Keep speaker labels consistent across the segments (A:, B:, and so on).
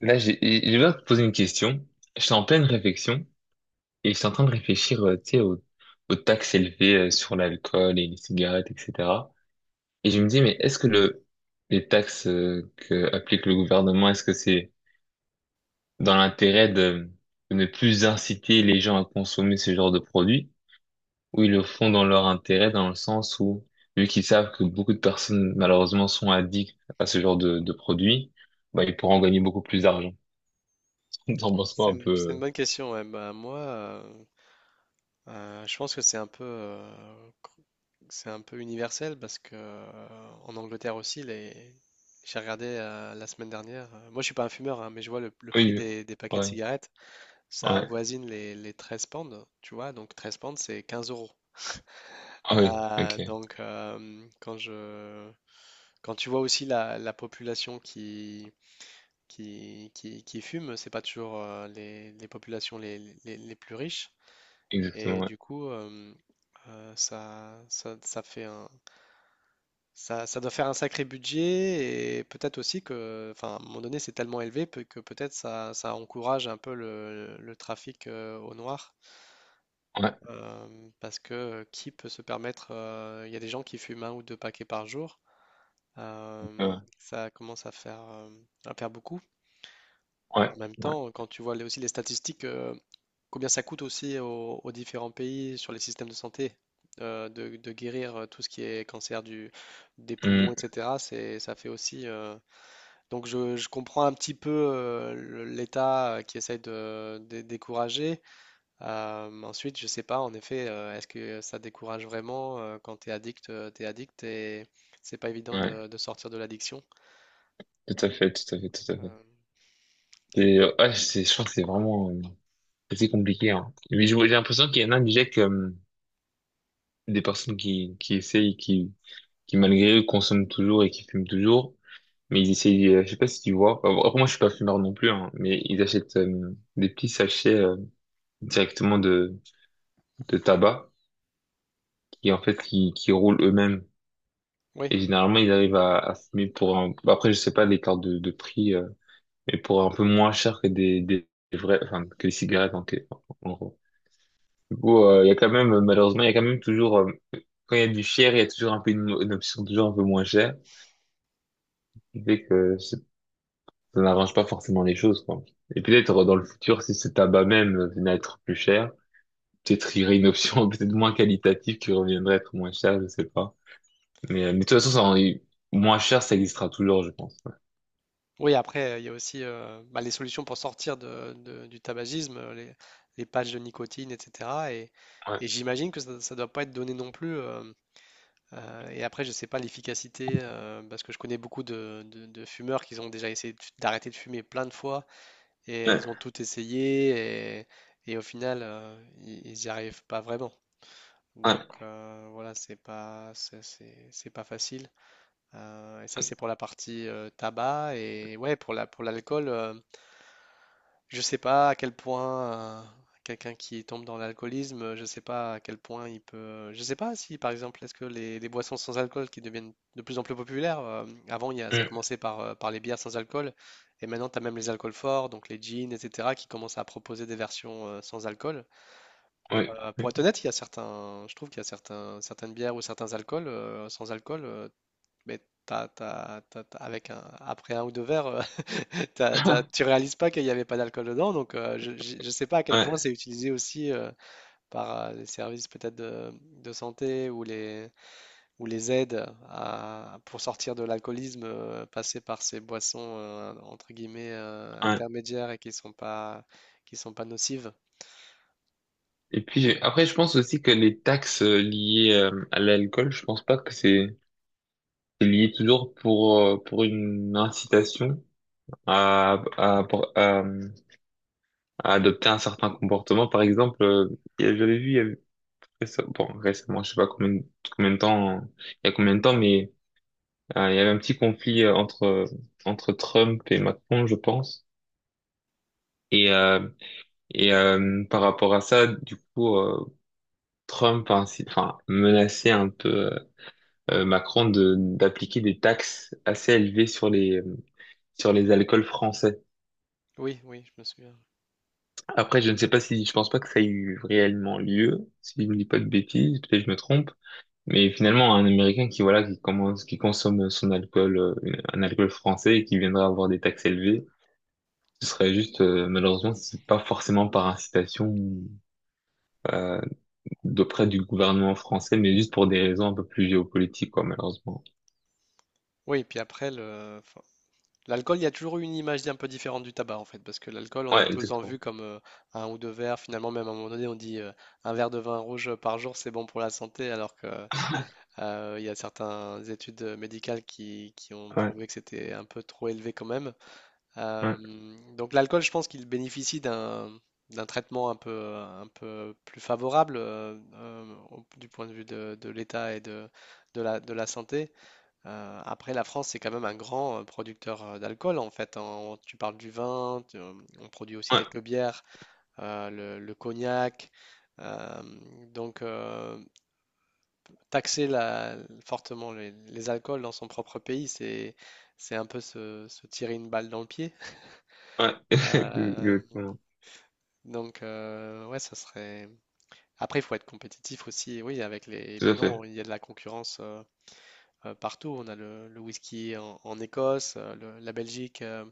A: Là, j'ai besoin de te poser une question. Je suis en pleine réflexion et je suis en train de réfléchir, tu sais, aux taxes élevées sur l'alcool et les cigarettes, etc. Et je me dis, mais est-ce que les taxes que applique le gouvernement, est-ce que c'est dans l'intérêt de ne plus inciter les gens à consommer ce genre de produits, ou ils le font dans leur intérêt, dans le sens où, vu qu'ils savent que beaucoup de personnes, malheureusement, sont addictes à ce genre de produits, bah, ils pourront gagner beaucoup plus d'argent. T'en penses quoi
B: C'est
A: un
B: une,
A: peu?
B: c'est une
A: euh?
B: bonne question. Ouais. Bah, moi, je pense que c'est un peu, cr- c'est un peu universel parce que en Angleterre aussi, les... j'ai regardé la semaine dernière. Moi, je suis pas un fumeur, hein, mais je vois le prix
A: Oui, oui.
B: des paquets de
A: Ouais,
B: cigarettes. Ça
A: ouais.
B: avoisine les 13 pounds, tu vois. Donc 13 pounds, c'est 15 euros.
A: Ah oui,
B: Ah,
A: ok,
B: donc quand tu vois aussi la population qui fume, c'est pas toujours les populations les plus riches.
A: exactement,
B: Et
A: ouais.
B: du coup, euh, ça, ça, ça fait un, ça doit faire un sacré budget, et peut-être aussi que, enfin, à un moment donné, c'est tellement élevé que peut-être ça encourage un peu le trafic au noir.
A: Ouais,
B: Parce que qui peut se permettre, il y a des gens qui fument un ou deux paquets par jour.
A: ouais,
B: Ça commence à faire beaucoup. En
A: ouais,
B: même
A: ouais.
B: temps, quand tu vois aussi les statistiques, combien ça coûte aussi aux différents pays sur les systèmes de santé, de guérir tout ce qui est cancer des poumons,
A: Hmm,
B: etc. Ça fait aussi. Donc je comprends un petit peu l'État qui essaye de décourager. Ensuite, je sais pas, en effet, est-ce que ça décourage vraiment quand tu es addict et c'est pas évident
A: ouais.
B: de sortir de l'addiction.
A: Tout à fait, tout à fait, tout à fait.
B: Euh,
A: Ouais, je crois que c'est vraiment assez compliqué, hein. Mais j'ai l'impression qu'il y en a déjà que, des personnes qui, qui malgré eux consomment toujours et qui fument toujours, mais ils essayent. Je sais pas si tu vois. Enfin, bon, après moi je suis pas fumeur non plus, hein, mais ils achètent des petits sachets directement de tabac qui en fait qui, roulent eux-mêmes.
B: oui,
A: Et généralement, ils arrivent à fumer pour un. Bah, après, je sais pas l'écart de prix, mais pour un peu moins cher que des vrais. Enfin, que les cigarettes, en gros. Du coup, il y a quand même, malheureusement, il y a quand même toujours. Quand il y a du cher, il y a toujours un peu une option toujours un peu moins chère. Ce qui fait que ça n'arrange pas forcément les choses, quoi. Et peut-être, dans le futur, si ce tabac même venait à être plus cher, peut-être il y aurait une option peut-être moins qualitative qui reviendrait à être moins chère, je sais pas. Mais de toute façon, ça, moins cher, ça existera toujours, je pense.
B: oui, après, il y a aussi bah, les solutions pour sortir du tabagisme, les patchs de nicotine, etc. Et
A: Ouais.
B: j'imagine que ça ne doit pas être donné non plus. Et après, je ne sais pas l'efficacité, parce que je connais beaucoup de fumeurs qui ont déjà essayé d'arrêter de fumer plein de fois, et ils
A: Ouais.
B: ont tout essayé, et au final, ils n'y arrivent pas vraiment.
A: Ouais,
B: Donc voilà, c'est pas facile. Et ça, c'est pour la partie tabac. Et ouais, pour l'alcool. Je sais pas à quel point euh, quelqu'un qui tombe dans l'alcoolisme, je sais pas à quel point il peut. Je sais pas si, par exemple, est-ce que les boissons sans alcool qui deviennent de plus en plus populaires, avant, ça
A: mm,
B: commençait par, par les bières sans alcool, et maintenant, tu as même les alcools forts, donc les gins, etc., qui commencent à proposer des versions sans alcool.
A: oui,
B: Pour
A: oui.
B: être honnête, il y a certains, je trouve qu'il y a certaines bières ou certains alcools sans alcool, mais après un ou deux verres. euh, T'as- t'as- tu réalises pas qu'il n'y avait pas d'alcool dedans, donc je ne sais pas à quel point
A: Ouais,
B: c'est utilisé aussi par les services peut-être de santé ou ou les aides pour sortir de l'alcoolisme, passer par ces boissons, entre guillemets,
A: ouais.
B: intermédiaires, et qui sont pas nocives.
A: Et puis après, je pense aussi que les taxes liées à l'alcool, je pense pas que c'est lié toujours pour pour une incitation à, pour- à adopter un certain comportement. Par exemple, j'avais vu il y avait bon, récemment, je sais pas combien de temps, il y a combien de temps, mais il y avait un petit conflit entre Trump et Macron, je pense. Et euh, et par rapport à ça, du coup. Trump a ainsi, enfin, menacé un peu Macron de d'appliquer des taxes assez élevées sur les alcools français.
B: Oui, oui, je me souviens.
A: Après, je ne sais pas, si je pense pas que ça ait eu réellement lieu, si je ne dis pas de bêtises, peut-être que je me trompe. Mais finalement, un Américain qui, voilà, qui commence qui consomme son alcool, un alcool français, et qui viendrait avoir des taxes élevées, ce serait juste, malheureusement c'est pas forcément par incitation euh, d'auprès du gouvernement français, mais juste pour des raisons un peu plus géopolitiques, quoi, malheureusement.
B: Oui, puis après, enfin, l'alcool, il y a toujours eu une image un peu différente du tabac en fait, parce que l'alcool, on a
A: Ouais,
B: tous en vu
A: exactement.
B: comme un ou deux verres. Finalement, même à un moment donné, on dit un verre de vin rouge par jour, c'est bon pour la santé, alors que il y a certaines études médicales qui ont
A: Ouais,
B: prouvé que c'était un peu trop élevé quand même. Euh,
A: ouais,
B: donc l'alcool, je pense qu'il bénéficie d'un traitement un peu plus favorable, du point de vue de l'état et de la santé. Après, la France, c'est quand même un grand producteur d'alcool, en fait. Hein. Tu parles du vin, on produit aussi
A: ouais,
B: quelques bières, le cognac. euh, donc, euh, Taxer fortement les alcools dans son propre pays, c'est un peu se tirer une balle dans le pied.
A: ouais,
B: Euh,
A: exactement,
B: donc, ouais, ça serait. Après, il faut être compétitif aussi. Oui, avec les.
A: tout à
B: Maintenant,
A: fait,
B: il y a de la concurrence partout. On a le whisky en Écosse, la Belgique.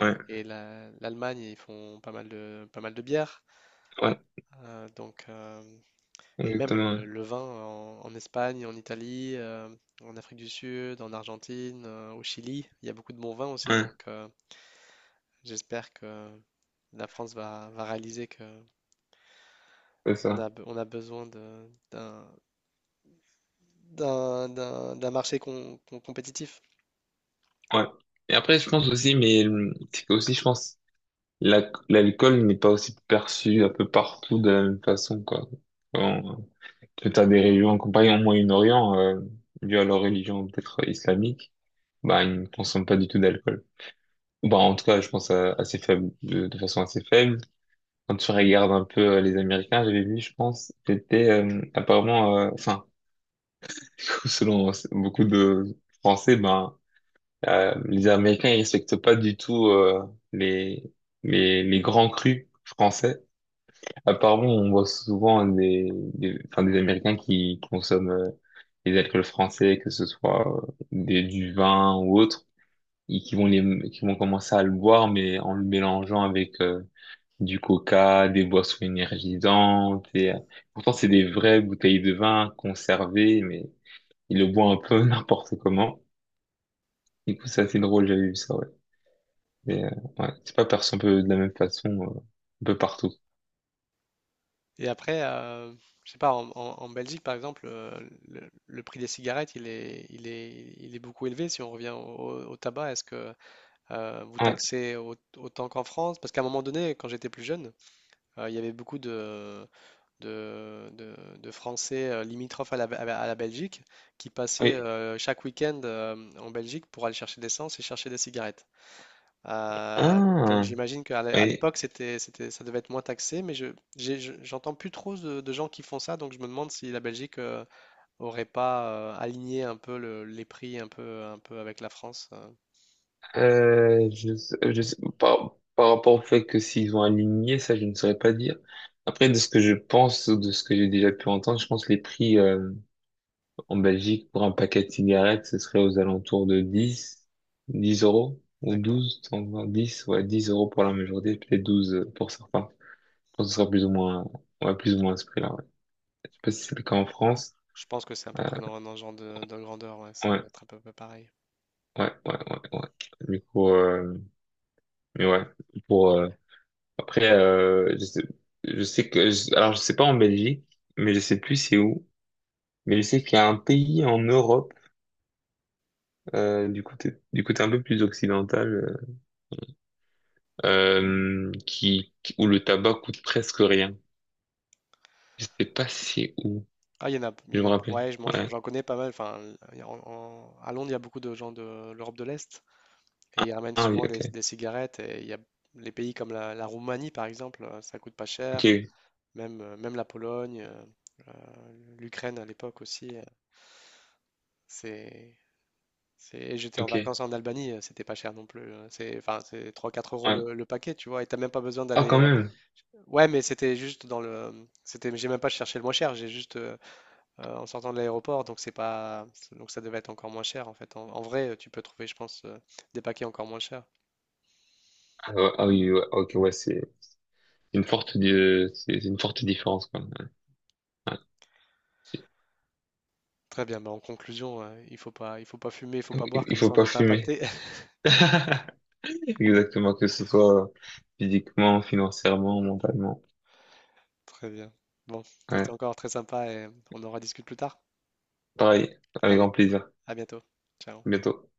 A: ouais,
B: Et l'Allemagne, ils font pas mal pas mal de bières.
A: ouais,
B: euh, donc, euh, et même
A: exactement,
B: le vin en Espagne, en Italie, en Afrique du Sud, en Argentine, au Chili, il y a beaucoup de bons vins aussi.
A: ouais, ouais,
B: Donc, j'espère que la France va réaliser que
A: c'est
B: on
A: ça,
B: a, on a besoin d'un marché compétitif.
A: ouais. Et après, je pense aussi, mais c'est que aussi, je pense, l'alcool n'est pas aussi perçu un peu partout de la même façon, quoi. Quand tu as des régions, comme par exemple au Moyen-Orient, dû à leur religion peut-être islamique, bah, ils ne consomment pas du tout d'alcool. Bah, en tout cas, je pense assez faible, de façon assez faible. Quand tu regardes un peu les Américains, j'avais vu, je pense, c'était apparemment, enfin, selon beaucoup de Français, ben, les Américains ils respectent pas du tout les, les grands crus français. Apparemment, on voit souvent enfin, des Américains qui consomment les alcools français, que ce soit du vin ou autre, et qui vont qui vont commencer à le boire, mais en le mélangeant avec du coca, des boissons énergisantes. Pourtant, c'est des vraies bouteilles de vin conservées, mais il le boit un peu n'importe comment. Du coup, c'est assez drôle, j'avais vu ça, ouais. Mais, ouais, c'est pas perçu un peu de la même façon, un peu partout.
B: Et après, je sais pas, en Belgique par exemple, le prix des cigarettes, il est beaucoup élevé. Si on revient au tabac, est-ce que vous
A: Ouais,
B: taxez autant qu'en France? Parce qu'à un moment donné, quand j'étais plus jeune, il y avait beaucoup de Français limitrophes à la Belgique qui passaient
A: oui.
B: chaque week-end en Belgique pour aller chercher de l'essence et chercher des cigarettes. Donc
A: Ah,
B: j'imagine qu'à à
A: oui.
B: l'époque, ça devait être moins taxé, mais j'entends plus trop de gens qui font ça, donc je me demande si la Belgique aurait pas aligné un peu les prix un peu avec la France.
A: Par, par rapport au fait que s'ils ont aligné, ça, je ne saurais pas dire. Après, de ce que je pense, ou de ce que j'ai déjà pu entendre, je pense que les prix, en Belgique, pour un paquet de cigarettes, ce serait aux alentours de 10 euros, ou
B: D'accord.
A: 12, 120, 10, ouais, 10 euros pour la majorité, peut-être 12 pour certains. Je pense que ce sera plus ou moins, ouais, plus ou moins à ce prix-là, ouais. Je sais pas si c'est le cas en France.
B: Je pense que c'est à
A: Euh,
B: peu près dans ce genre de grandeur, ouais, ça
A: ouais,
B: doit être à peu près pareil.
A: ouais, ouais, ouais, ouais. Du coup, mais ouais, pour, après, je sais que, alors je sais pas en Belgique, mais je sais plus c'est où, mais je sais qu'il y a un pays en Europe, du côté un peu plus occidental, où le tabac coûte presque rien. Je sais pas si c'est où.
B: Ah, il y en a, il
A: Je
B: y en
A: me
B: a,
A: rappelle.
B: ouais, moi, j'en
A: Ouais.
B: j'en connais pas mal. Enfin, il y a- en- en- à Londres, il y a beaucoup de gens de l'Europe de l'Est, et
A: Ah,
B: ils ramènent
A: ah oui,
B: souvent des,
A: ok.
B: des cigarettes. Et il y a les pays comme la Roumanie, par exemple, ça coûte pas
A: Ok,
B: cher.
A: oui.
B: Même la Pologne, l'Ukraine à l'époque aussi, c'est, c'est... et j'étais en
A: Ok.
B: vacances en Albanie, c'était pas cher non plus. C'est 3 4 euros
A: Ouais.
B: le paquet, tu vois, et t'as même pas besoin
A: Ah,
B: d'aller...
A: quand même.
B: Ouais, mais c'était juste dans le... C'était... J'ai même pas cherché le moins cher, j'ai juste... en sortant de l'aéroport, donc c'est pas... Donc ça devait être encore moins cher, en fait. En vrai, tu peux trouver, je pense, des paquets encore moins chers.
A: Ah, ouais, ah oui, ouais, ok, ouais, c'est une forte, c'est une forte différence quand même. Ouais. C'est.
B: Très bien, bah en conclusion, il faut pas fumer, il faut pas boire,
A: Il
B: comme
A: faut
B: ça on
A: pas
B: n'est pas
A: fumer.
B: impacté.
A: Exactement, que ce soit physiquement, financièrement, mentalement.
B: Très bien. Bon, c'était
A: Ouais.
B: encore très sympa et on en rediscute plus tard.
A: Pareil, avec
B: Allez,
A: grand plaisir.
B: à bientôt. Ciao.
A: À bientôt.